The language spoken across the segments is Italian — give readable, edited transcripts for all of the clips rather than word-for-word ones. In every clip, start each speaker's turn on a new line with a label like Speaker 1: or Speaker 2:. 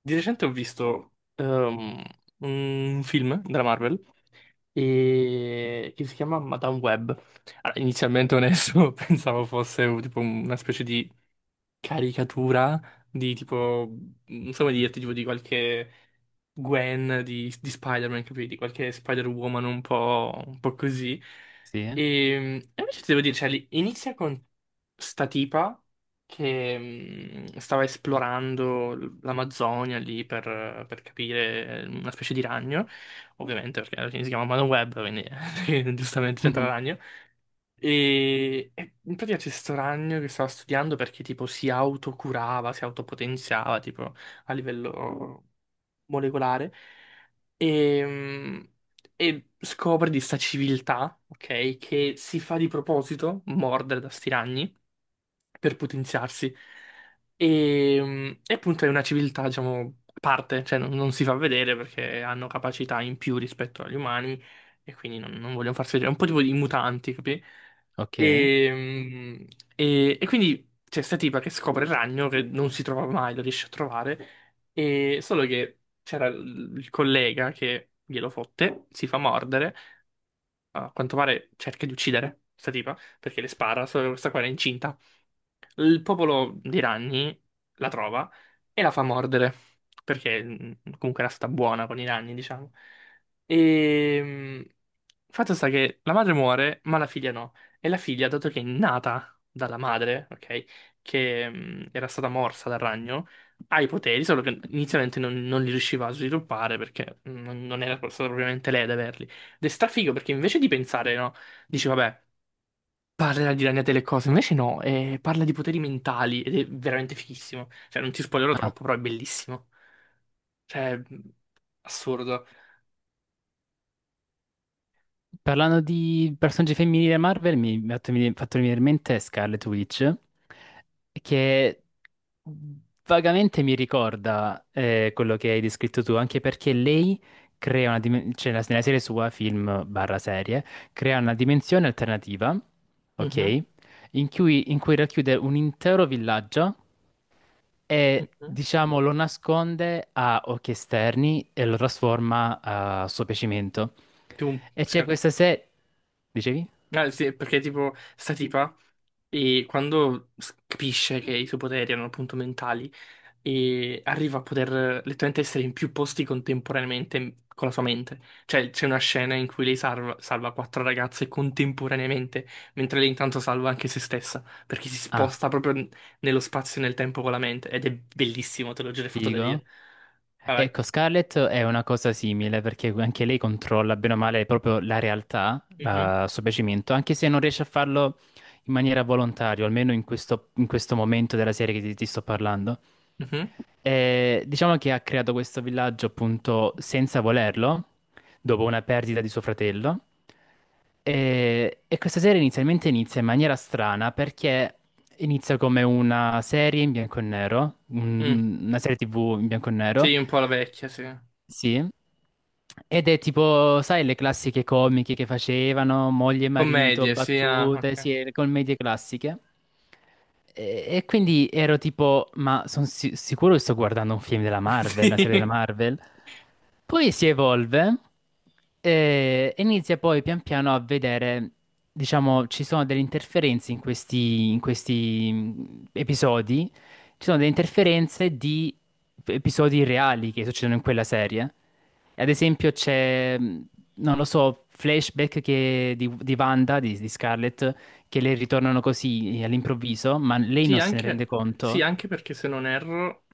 Speaker 1: Di recente ho visto un film della Marvel che si chiama Madame Web. Allora, inizialmente onesto, pensavo fosse tipo una specie di caricatura di tipo, non so come dirti, tipo di qualche Gwen di Spider-Man, capiti? Qualche Spider-Woman un po' così.
Speaker 2: Sì?
Speaker 1: E, e invece ti devo dire, cioè, inizia con sta tipa che stava esplorando l'Amazzonia lì per capire una specie di ragno, ovviamente perché alla fine si chiama Madame Web, quindi giustamente c'entra il ragno. E in pratica c'è sto ragno che stava studiando perché tipo si autocurava, si autopotenziava tipo a livello molecolare e, mm, e scopre di sta civiltà, ok, che si fa di proposito mordere da sti ragni per potenziarsi. E appunto è una civiltà, diciamo, a parte, cioè non si fa vedere perché hanno capacità in più rispetto agli umani e quindi non vogliono farsi vedere. È un po' tipo i mutanti, capi?
Speaker 2: Ok.
Speaker 1: E, mm, e quindi c'è sta tipa che scopre il ragno che non si trova mai, lo riesce a trovare, e solo che c'era il collega che glielo fotte, si fa mordere, a quanto pare cerca di uccidere questa tipa, perché le spara, solo che questa qua era incinta. Il popolo di Ranni la trova e la fa mordere, perché comunque era stata buona con i Ranni, diciamo. E fatto sta che la madre muore, ma la figlia no. E la figlia, dato che è nata dalla madre, ok, che era stata morsa dal ragno, ha i poteri, solo che inizialmente non li riusciva a sviluppare perché non era stata propriamente lei ad averli. Ed è strafigo perché invece di pensare, no, dici vabbè. Parla di Ragna delle cose, invece no, parla di poteri mentali ed è veramente fighissimo. Cioè, non ti spoilerò
Speaker 2: Ah,
Speaker 1: troppo, però è bellissimo. Cioè, assurdo.
Speaker 2: parlando di personaggi femminili da Marvel, mi ha fatto venire in mente Scarlet Witch, che vagamente mi ricorda quello che hai descritto tu, anche perché lei crea una dimensione, cioè nella nella serie sua, film barra serie, crea una dimensione alternativa,
Speaker 1: Mhm,
Speaker 2: ok? In cui racchiude un intero villaggio e
Speaker 1: mhm.
Speaker 2: diciamo lo nasconde a occhi esterni e lo trasforma a suo piacimento.
Speaker 1: Più
Speaker 2: E
Speaker 1: sì,
Speaker 2: c'è
Speaker 1: ok.
Speaker 2: questa serie... Dicevi?
Speaker 1: Ah, sì, perché tipo sta tipa e quando capisce che i suoi poteri erano appunto mentali e arriva a poter letteralmente essere in più posti contemporaneamente con la sua mente. Cioè c'è una scena in cui lei salva quattro ragazze contemporaneamente, mentre lei intanto salva anche se stessa, perché si
Speaker 2: Ah,
Speaker 1: sposta proprio nello spazio e nel tempo con la mente ed è bellissimo, te l'ho già fatto da dire.
Speaker 2: figo.
Speaker 1: Vai,
Speaker 2: Ecco,
Speaker 1: vai.
Speaker 2: Scarlett è una cosa simile perché anche lei controlla bene o male proprio la realtà,
Speaker 1: Mhm,
Speaker 2: la- il suo piacimento, anche se non riesce a farlo in maniera volontaria, almeno in questo momento della serie che ti sto parlando.
Speaker 1: mhm,
Speaker 2: E diciamo che ha creato questo villaggio appunto senza volerlo, dopo una perdita di suo fratello. E questa serie inizialmente inizia in maniera strana perché inizia come una serie in bianco e nero,
Speaker 1: mm.
Speaker 2: un- una serie TV in bianco e nero.
Speaker 1: Sì, un po' la vecchia, sì.
Speaker 2: Sì. Ed è tipo, sai, le classiche comiche che facevano, moglie e marito,
Speaker 1: Commedie, sì, ah,
Speaker 2: battute,
Speaker 1: ok.
Speaker 2: sì, le commedie classiche. E quindi ero tipo, ma sono sicuro che sto guardando un film della Marvel, una serie della
Speaker 1: Sì,
Speaker 2: Marvel. Poi si evolve e inizia poi pian piano a vedere, diciamo, ci sono delle interferenze in questi episodi, ci sono delle interferenze di episodi reali che succedono in quella serie. Ad esempio c'è, non lo so, flashback che- di Wanda, di Scarlett, che le ritornano così all'improvviso, ma lei
Speaker 1: sì,
Speaker 2: non se ne
Speaker 1: anche,
Speaker 2: rende
Speaker 1: sì,
Speaker 2: conto.
Speaker 1: anche perché se non erro,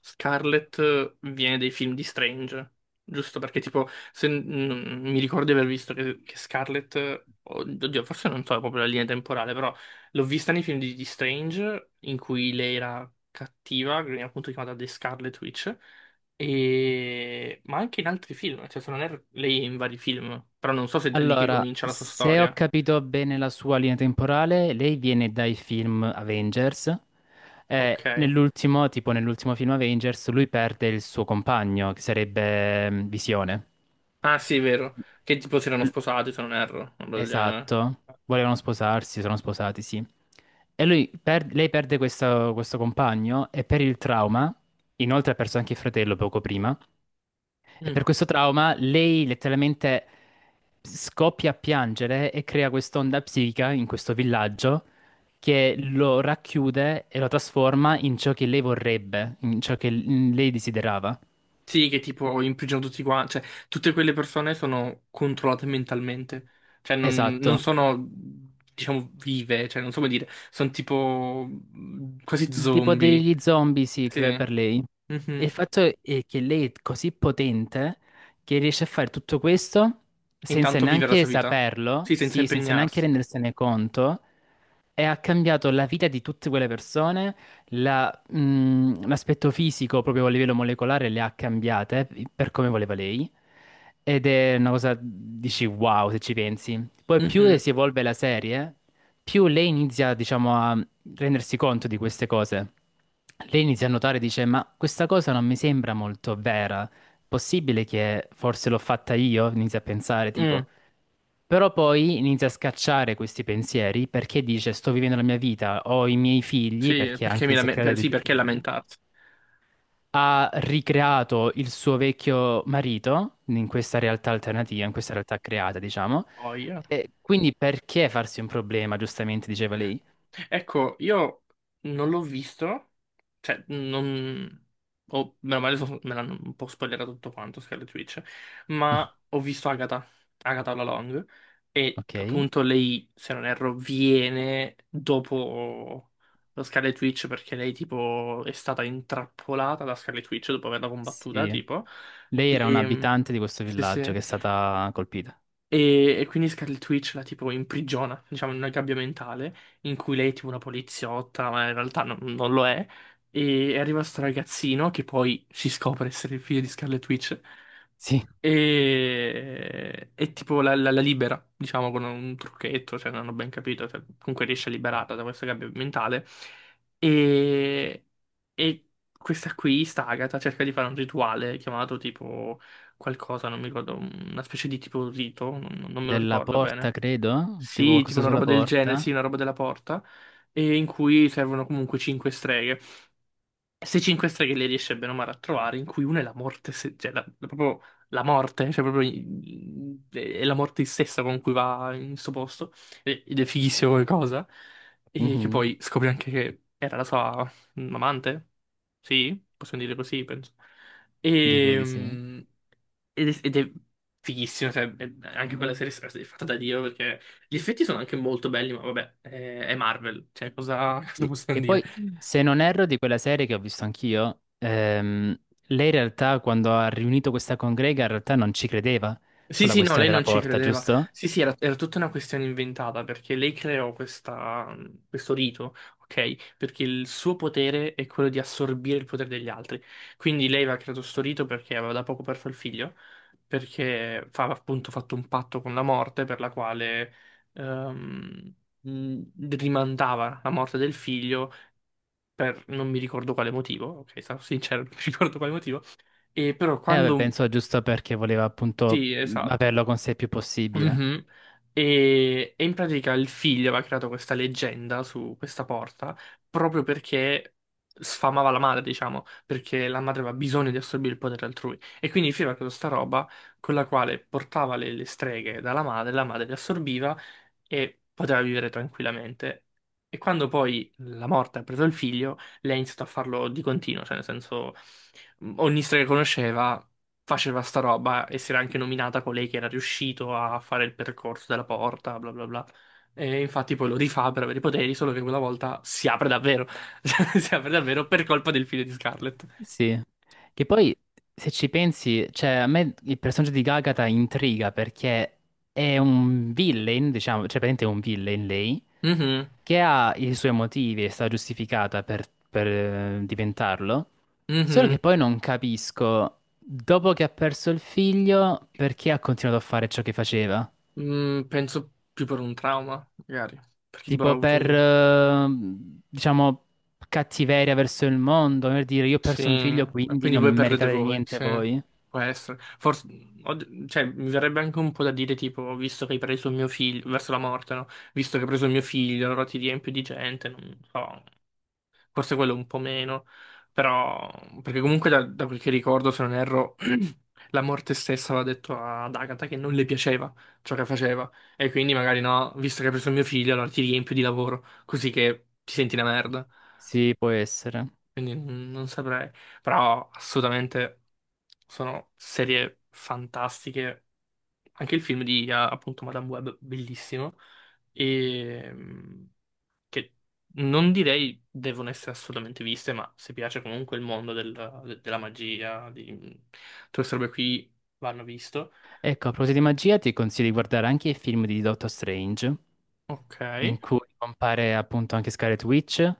Speaker 1: Scarlett viene dai film di Strange, giusto? Perché tipo, se, mi ricordo di aver visto che Scarlett, oddio, forse non so proprio la linea temporale, però l'ho vista nei film di Strange, in cui lei era cattiva, che veniva appunto chiamata The Scarlet Witch, e, ma anche in altri film, cioè se non erro, lei è in vari film, però non so se è da lì che
Speaker 2: Allora,
Speaker 1: comincia la sua
Speaker 2: se ho
Speaker 1: storia.
Speaker 2: capito bene la sua linea temporale, lei viene dai film Avengers.
Speaker 1: Ok.
Speaker 2: Nell'ultimo, tipo nell'ultimo film Avengers, lui perde il suo compagno, che sarebbe Visione.
Speaker 1: Ah, sì, è vero. Che tipo si erano
Speaker 2: L-
Speaker 1: sposati, se non erro, una roba del genere.
Speaker 2: Esatto. Volevano sposarsi, sono sposati, sì. E lui per- lei perde questo, questo compagno e per il trauma, inoltre ha perso anche il fratello poco prima, e
Speaker 1: Mm.
Speaker 2: per questo trauma lei letteralmente scoppia a piangere e crea quest'onda psichica in questo villaggio che lo racchiude e lo trasforma in ciò che lei vorrebbe, in ciò che l- lei desiderava.
Speaker 1: Sì, che tipo imprigionano tutti quanti. Cioè, tutte quelle persone sono controllate mentalmente. Cioè, non
Speaker 2: Esatto.
Speaker 1: sono, diciamo, vive. Cioè, non so come dire. Sono tipo quasi
Speaker 2: Tipo
Speaker 1: zombie.
Speaker 2: degli zombie, sì,
Speaker 1: Sì.
Speaker 2: cre- per lei. E il
Speaker 1: Mhm.
Speaker 2: fatto è che lei è così potente che riesce a fare tutto questo
Speaker 1: E
Speaker 2: senza
Speaker 1: intanto vive la
Speaker 2: neanche
Speaker 1: sua vita.
Speaker 2: saperlo,
Speaker 1: Sì, senza
Speaker 2: sì, senza neanche
Speaker 1: impegnarsi.
Speaker 2: rendersene conto e ha cambiato la vita di tutte quelle persone, la- l'aspetto fisico proprio a livello molecolare le ha cambiate per come voleva lei. Ed è una cosa, dici wow, se ci pensi. Poi più
Speaker 1: Mhm.
Speaker 2: si evolve la serie, più lei inizia, diciamo, a rendersi conto di queste cose. Lei inizia a notare, dice, ma questa cosa non mi sembra molto vera. Possibile che forse l'ho fatta io? Inizia a pensare, tipo.
Speaker 1: Mm.
Speaker 2: Però poi inizia a scacciare questi pensieri perché dice sto vivendo la mia vita, ho i miei figli,
Speaker 1: Sì,
Speaker 2: perché
Speaker 1: perché
Speaker 2: anche se crea dei
Speaker 1: sì,
Speaker 2: due
Speaker 1: perché
Speaker 2: figli,
Speaker 1: lamentarsi?
Speaker 2: ha ricreato il suo vecchio marito in questa realtà alternativa, in questa realtà creata, diciamo.
Speaker 1: Poi.
Speaker 2: E quindi perché farsi un problema, giustamente diceva lei.
Speaker 1: Ecco, io non l'ho visto, cioè, non, o meno male me l'hanno un po' spoilerato tutto quanto, Scarlet Witch, ma ho visto Agatha, Agatha la Long, e
Speaker 2: Ok,
Speaker 1: appunto lei, se non erro, viene dopo lo Scarlet Witch perché lei tipo è stata intrappolata da Scarlet Witch dopo averla combattuta,
Speaker 2: sì.
Speaker 1: tipo,
Speaker 2: Lei era
Speaker 1: e.
Speaker 2: un'abitante di questo
Speaker 1: Sì,
Speaker 2: villaggio
Speaker 1: sì.
Speaker 2: che è stata colpita.
Speaker 1: E quindi Scarlet Witch la tipo imprigiona, diciamo, in una gabbia mentale in cui lei è tipo una poliziotta, ma in realtà non lo è. E arriva sto ragazzino che poi si scopre essere il figlio di Scarlet Witch.
Speaker 2: Sì,
Speaker 1: E tipo la libera, diciamo, con un trucchetto, se non ho ben capito, cioè, comunque riesce a liberarla da questa gabbia mentale. E, e questa qui, sta Agatha, cerca di fare un rituale chiamato tipo qualcosa, non mi ricordo, una specie di tipo rito, non me lo
Speaker 2: della
Speaker 1: ricordo
Speaker 2: porta,
Speaker 1: bene.
Speaker 2: credo, tipo
Speaker 1: Sì, tipo
Speaker 2: qualcosa
Speaker 1: una
Speaker 2: sulla
Speaker 1: roba del genere, sì,
Speaker 2: porta.
Speaker 1: una roba della porta, e in cui servono comunque cinque streghe. Queste 5 streghe le riesce bene o male a trovare, in cui una è la morte, cioè proprio la morte, cioè proprio è la morte stessa con cui va in questo posto, ed è fighissimo come cosa, e che
Speaker 2: Mhm,
Speaker 1: poi scopre anche che era la sua amante, sì, possiamo dire così, penso,
Speaker 2: direi
Speaker 1: e,
Speaker 2: di sì.
Speaker 1: mm, ed è fighissimo, cioè, anche quella serie è fatta da Dio, perché gli effetti sono anche molto belli, ma vabbè, è Marvel, cioè cosa cosa
Speaker 2: Sì,
Speaker 1: possiamo
Speaker 2: che
Speaker 1: dire?
Speaker 2: poi, se non erro, di quella serie che ho visto anch'io, lei in realtà quando ha riunito questa congrega in realtà non ci credeva
Speaker 1: Sì,
Speaker 2: sulla
Speaker 1: sì, no,
Speaker 2: questione
Speaker 1: lei
Speaker 2: della
Speaker 1: non ci
Speaker 2: porta,
Speaker 1: credeva.
Speaker 2: giusto?
Speaker 1: Sì, sì, era tutta una questione inventata perché lei creò questo rito, ok? Perché il suo potere è quello di assorbire il potere degli altri. Quindi lei aveva creato questo rito perché aveva da poco perso il figlio, perché aveva appunto fatto un patto con la morte per la quale ehm, mh, rimandava la morte del figlio per non mi ricordo quale motivo, ok? Sarò sincero, non mi ricordo quale motivo. E però
Speaker 2: Vabbè,
Speaker 1: quando.
Speaker 2: penso giusto perché voleva appunto
Speaker 1: Sì, esatto.
Speaker 2: averlo con sé il più possibile.
Speaker 1: Mhm. E in pratica il figlio aveva creato questa leggenda su questa porta proprio perché sfamava la madre, diciamo, perché la madre aveva bisogno di assorbire il potere altrui. E quindi il figlio aveva creato questa roba con la quale portava le streghe dalla madre, la madre le assorbiva e poteva vivere tranquillamente. E quando poi la morte ha preso il figlio, lei ha iniziato a farlo di continuo, cioè nel senso ogni strega che conosceva faceva sta roba e si era anche nominata colei che era riuscito a fare il percorso della porta, bla bla bla. E infatti poi lo rifà per avere i poteri, solo che quella volta si apre davvero. Si apre davvero per colpa del figlio di Scarlett.
Speaker 2: Sì, che poi se ci pensi, cioè a me il personaggio di Gagata intriga perché è un villain, diciamo, cioè praticamente è un villain lei,
Speaker 1: Mhm,
Speaker 2: che ha i suoi motivi e sta giustificata per, diventarlo, solo
Speaker 1: mhm.
Speaker 2: che poi non capisco, dopo che ha perso il figlio, perché ha continuato a fare ciò che faceva?
Speaker 1: Mm, penso più per un trauma, magari. Perché tipo ha
Speaker 2: Tipo
Speaker 1: avuto
Speaker 2: per,
Speaker 1: un.
Speaker 2: diciamo, cattiveria verso il mondo, per dire io ho
Speaker 1: Sì,
Speaker 2: perso mio figlio,
Speaker 1: e
Speaker 2: quindi
Speaker 1: quindi
Speaker 2: non
Speaker 1: voi perdete
Speaker 2: meritate
Speaker 1: voi,
Speaker 2: niente
Speaker 1: sì,
Speaker 2: voi.
Speaker 1: può essere. Forse, cioè, mi verrebbe anche un po' da dire, tipo, visto che hai preso il mio figlio, verso la morte, no? Visto che hai preso il mio figlio, allora ti riempio di gente, non so, forse quello un po' meno, però, perché comunque da quel che ricordo, se non erro, la morte stessa aveva detto ad Agatha che non le piaceva ciò che faceva, e quindi magari no, visto che hai preso il mio figlio, allora ti riempio di lavoro, così che ti senti una merda.
Speaker 2: Sì, può essere.
Speaker 1: Quindi non saprei. Però assolutamente sono serie fantastiche. Anche il film di appunto Madame Web, bellissimo. E che non direi devono essere assolutamente viste, ma se piace comunque il mondo della magia, di tutte queste robe qui vanno visto.
Speaker 2: Ecco, a proposito di magia, ti consiglio di guardare anche i film di Doctor Strange,
Speaker 1: Ok.
Speaker 2: in cui compare appunto anche Scarlet Witch.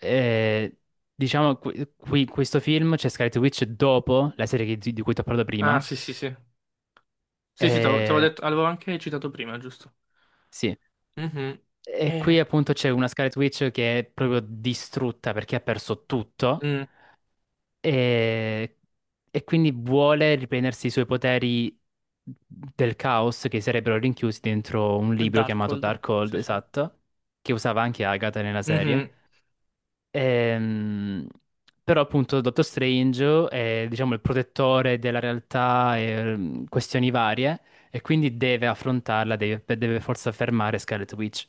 Speaker 2: E, diciamo, qui, qui- questo film c'è Scarlet Witch dopo la serie che- di cui ti ho parlato
Speaker 1: Ah,
Speaker 2: prima.
Speaker 1: sì, sì, sì. Sì, sì, te l'avevo
Speaker 2: E,
Speaker 1: detto, l'avevo anche citato prima, giusto?
Speaker 2: sì.
Speaker 1: Mhm.
Speaker 2: E qui
Speaker 1: Eh,
Speaker 2: appunto c'è una Scarlet Witch che è proprio distrutta perché ha perso tutto.
Speaker 1: mm,
Speaker 2: E, e quindi vuole riprendersi i suoi poteri del caos che sarebbero rinchiusi dentro un
Speaker 1: il
Speaker 2: libro chiamato
Speaker 1: Darkhold.
Speaker 2: Dark Hold,
Speaker 1: Sì, sì.
Speaker 2: esatto, che usava anche Agatha nella serie.
Speaker 1: Mhm,
Speaker 2: Ehm, però appunto Dottor Strange è diciamo il protettore della realtà e questioni varie e quindi deve affrontarla, deve, deve forse fermare Scarlet Witch.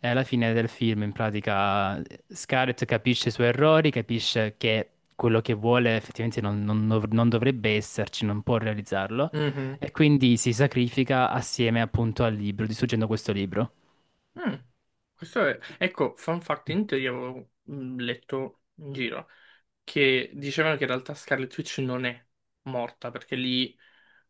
Speaker 2: È alla fine del film, in pratica, Scarlett capisce i suoi errori, capisce che quello che vuole effettivamente non, non dov- non dovrebbe esserci, non può realizzarlo,
Speaker 1: mhm.
Speaker 2: e quindi si sacrifica assieme appunto al libro, distruggendo questo libro.
Speaker 1: Mm. Questo è. Ecco, fun fact, in teoria avevo letto in giro che dicevano che in realtà Scarlet Witch non è morta perché lì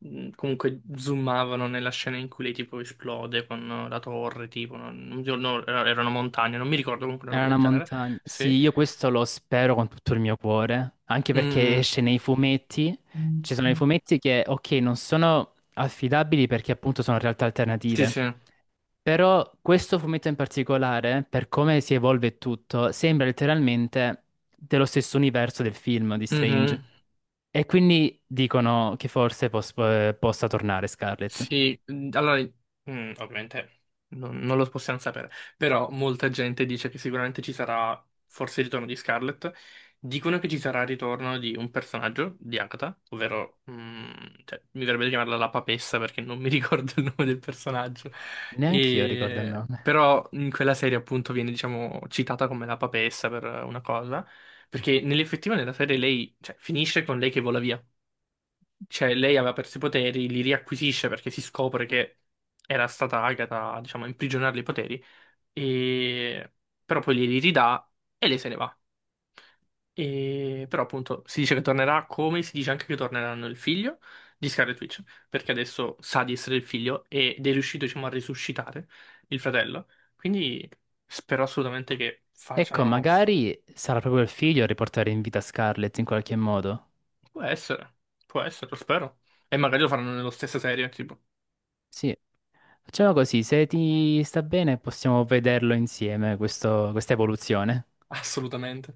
Speaker 1: comunque zoomavano nella scena in cui lei tipo esplode con la torre, tipo, no, erano montagne, non mi ricordo comunque una
Speaker 2: Era
Speaker 1: roba
Speaker 2: una
Speaker 1: del genere.
Speaker 2: montagna. Sì,
Speaker 1: Sì.
Speaker 2: io questo lo spero con tutto il mio cuore, anche perché
Speaker 1: Mm.
Speaker 2: esce nei fumetti. Ci sono i fumetti che, ok, non sono affidabili perché appunto sono realtà
Speaker 1: Sì,
Speaker 2: alternative.
Speaker 1: sì.
Speaker 2: Però questo fumetto in particolare, per come si evolve tutto, sembra letteralmente dello stesso universo del film di Strange.
Speaker 1: Mhm.
Speaker 2: E quindi dicono che forse pos- possa tornare Scarlet.
Speaker 1: Sì, allora, ovviamente non lo possiamo sapere, però molta gente dice che sicuramente ci sarà forse il ritorno di Scarlett, dicono che ci sarà il ritorno di un personaggio di Agatha, ovvero, cioè, mi verrebbe di chiamarla la papessa perché non mi ricordo il nome del personaggio,
Speaker 2: Neanch'io ricordo il nome.
Speaker 1: Però in quella serie appunto viene, diciamo, citata come la papessa per una cosa, perché nell'effettiva nella serie lei, cioè, finisce con lei che vola via cioè, lei aveva perso i poteri, li riacquisisce perché si scopre che era stata Agatha, a, diciamo, a imprigionarle i poteri, e. Però poi glieli ridà e lei se ne va. E. Però appunto si dice che tornerà come si dice anche che torneranno il figlio di Scarlet Witch, perché adesso sa di essere il figlio ed è riuscito, diciamo, a risuscitare il fratello. Quindi spero assolutamente che
Speaker 2: Ecco,
Speaker 1: facciano.
Speaker 2: magari sarà proprio il figlio a riportare in vita Scarlet in qualche modo.
Speaker 1: Può essere, può essere, lo spero. E magari lo faranno nella stessa serie, tipo,
Speaker 2: Sì, facciamo così, se ti sta bene possiamo vederlo insieme, questo- questa evoluzione.
Speaker 1: assolutamente.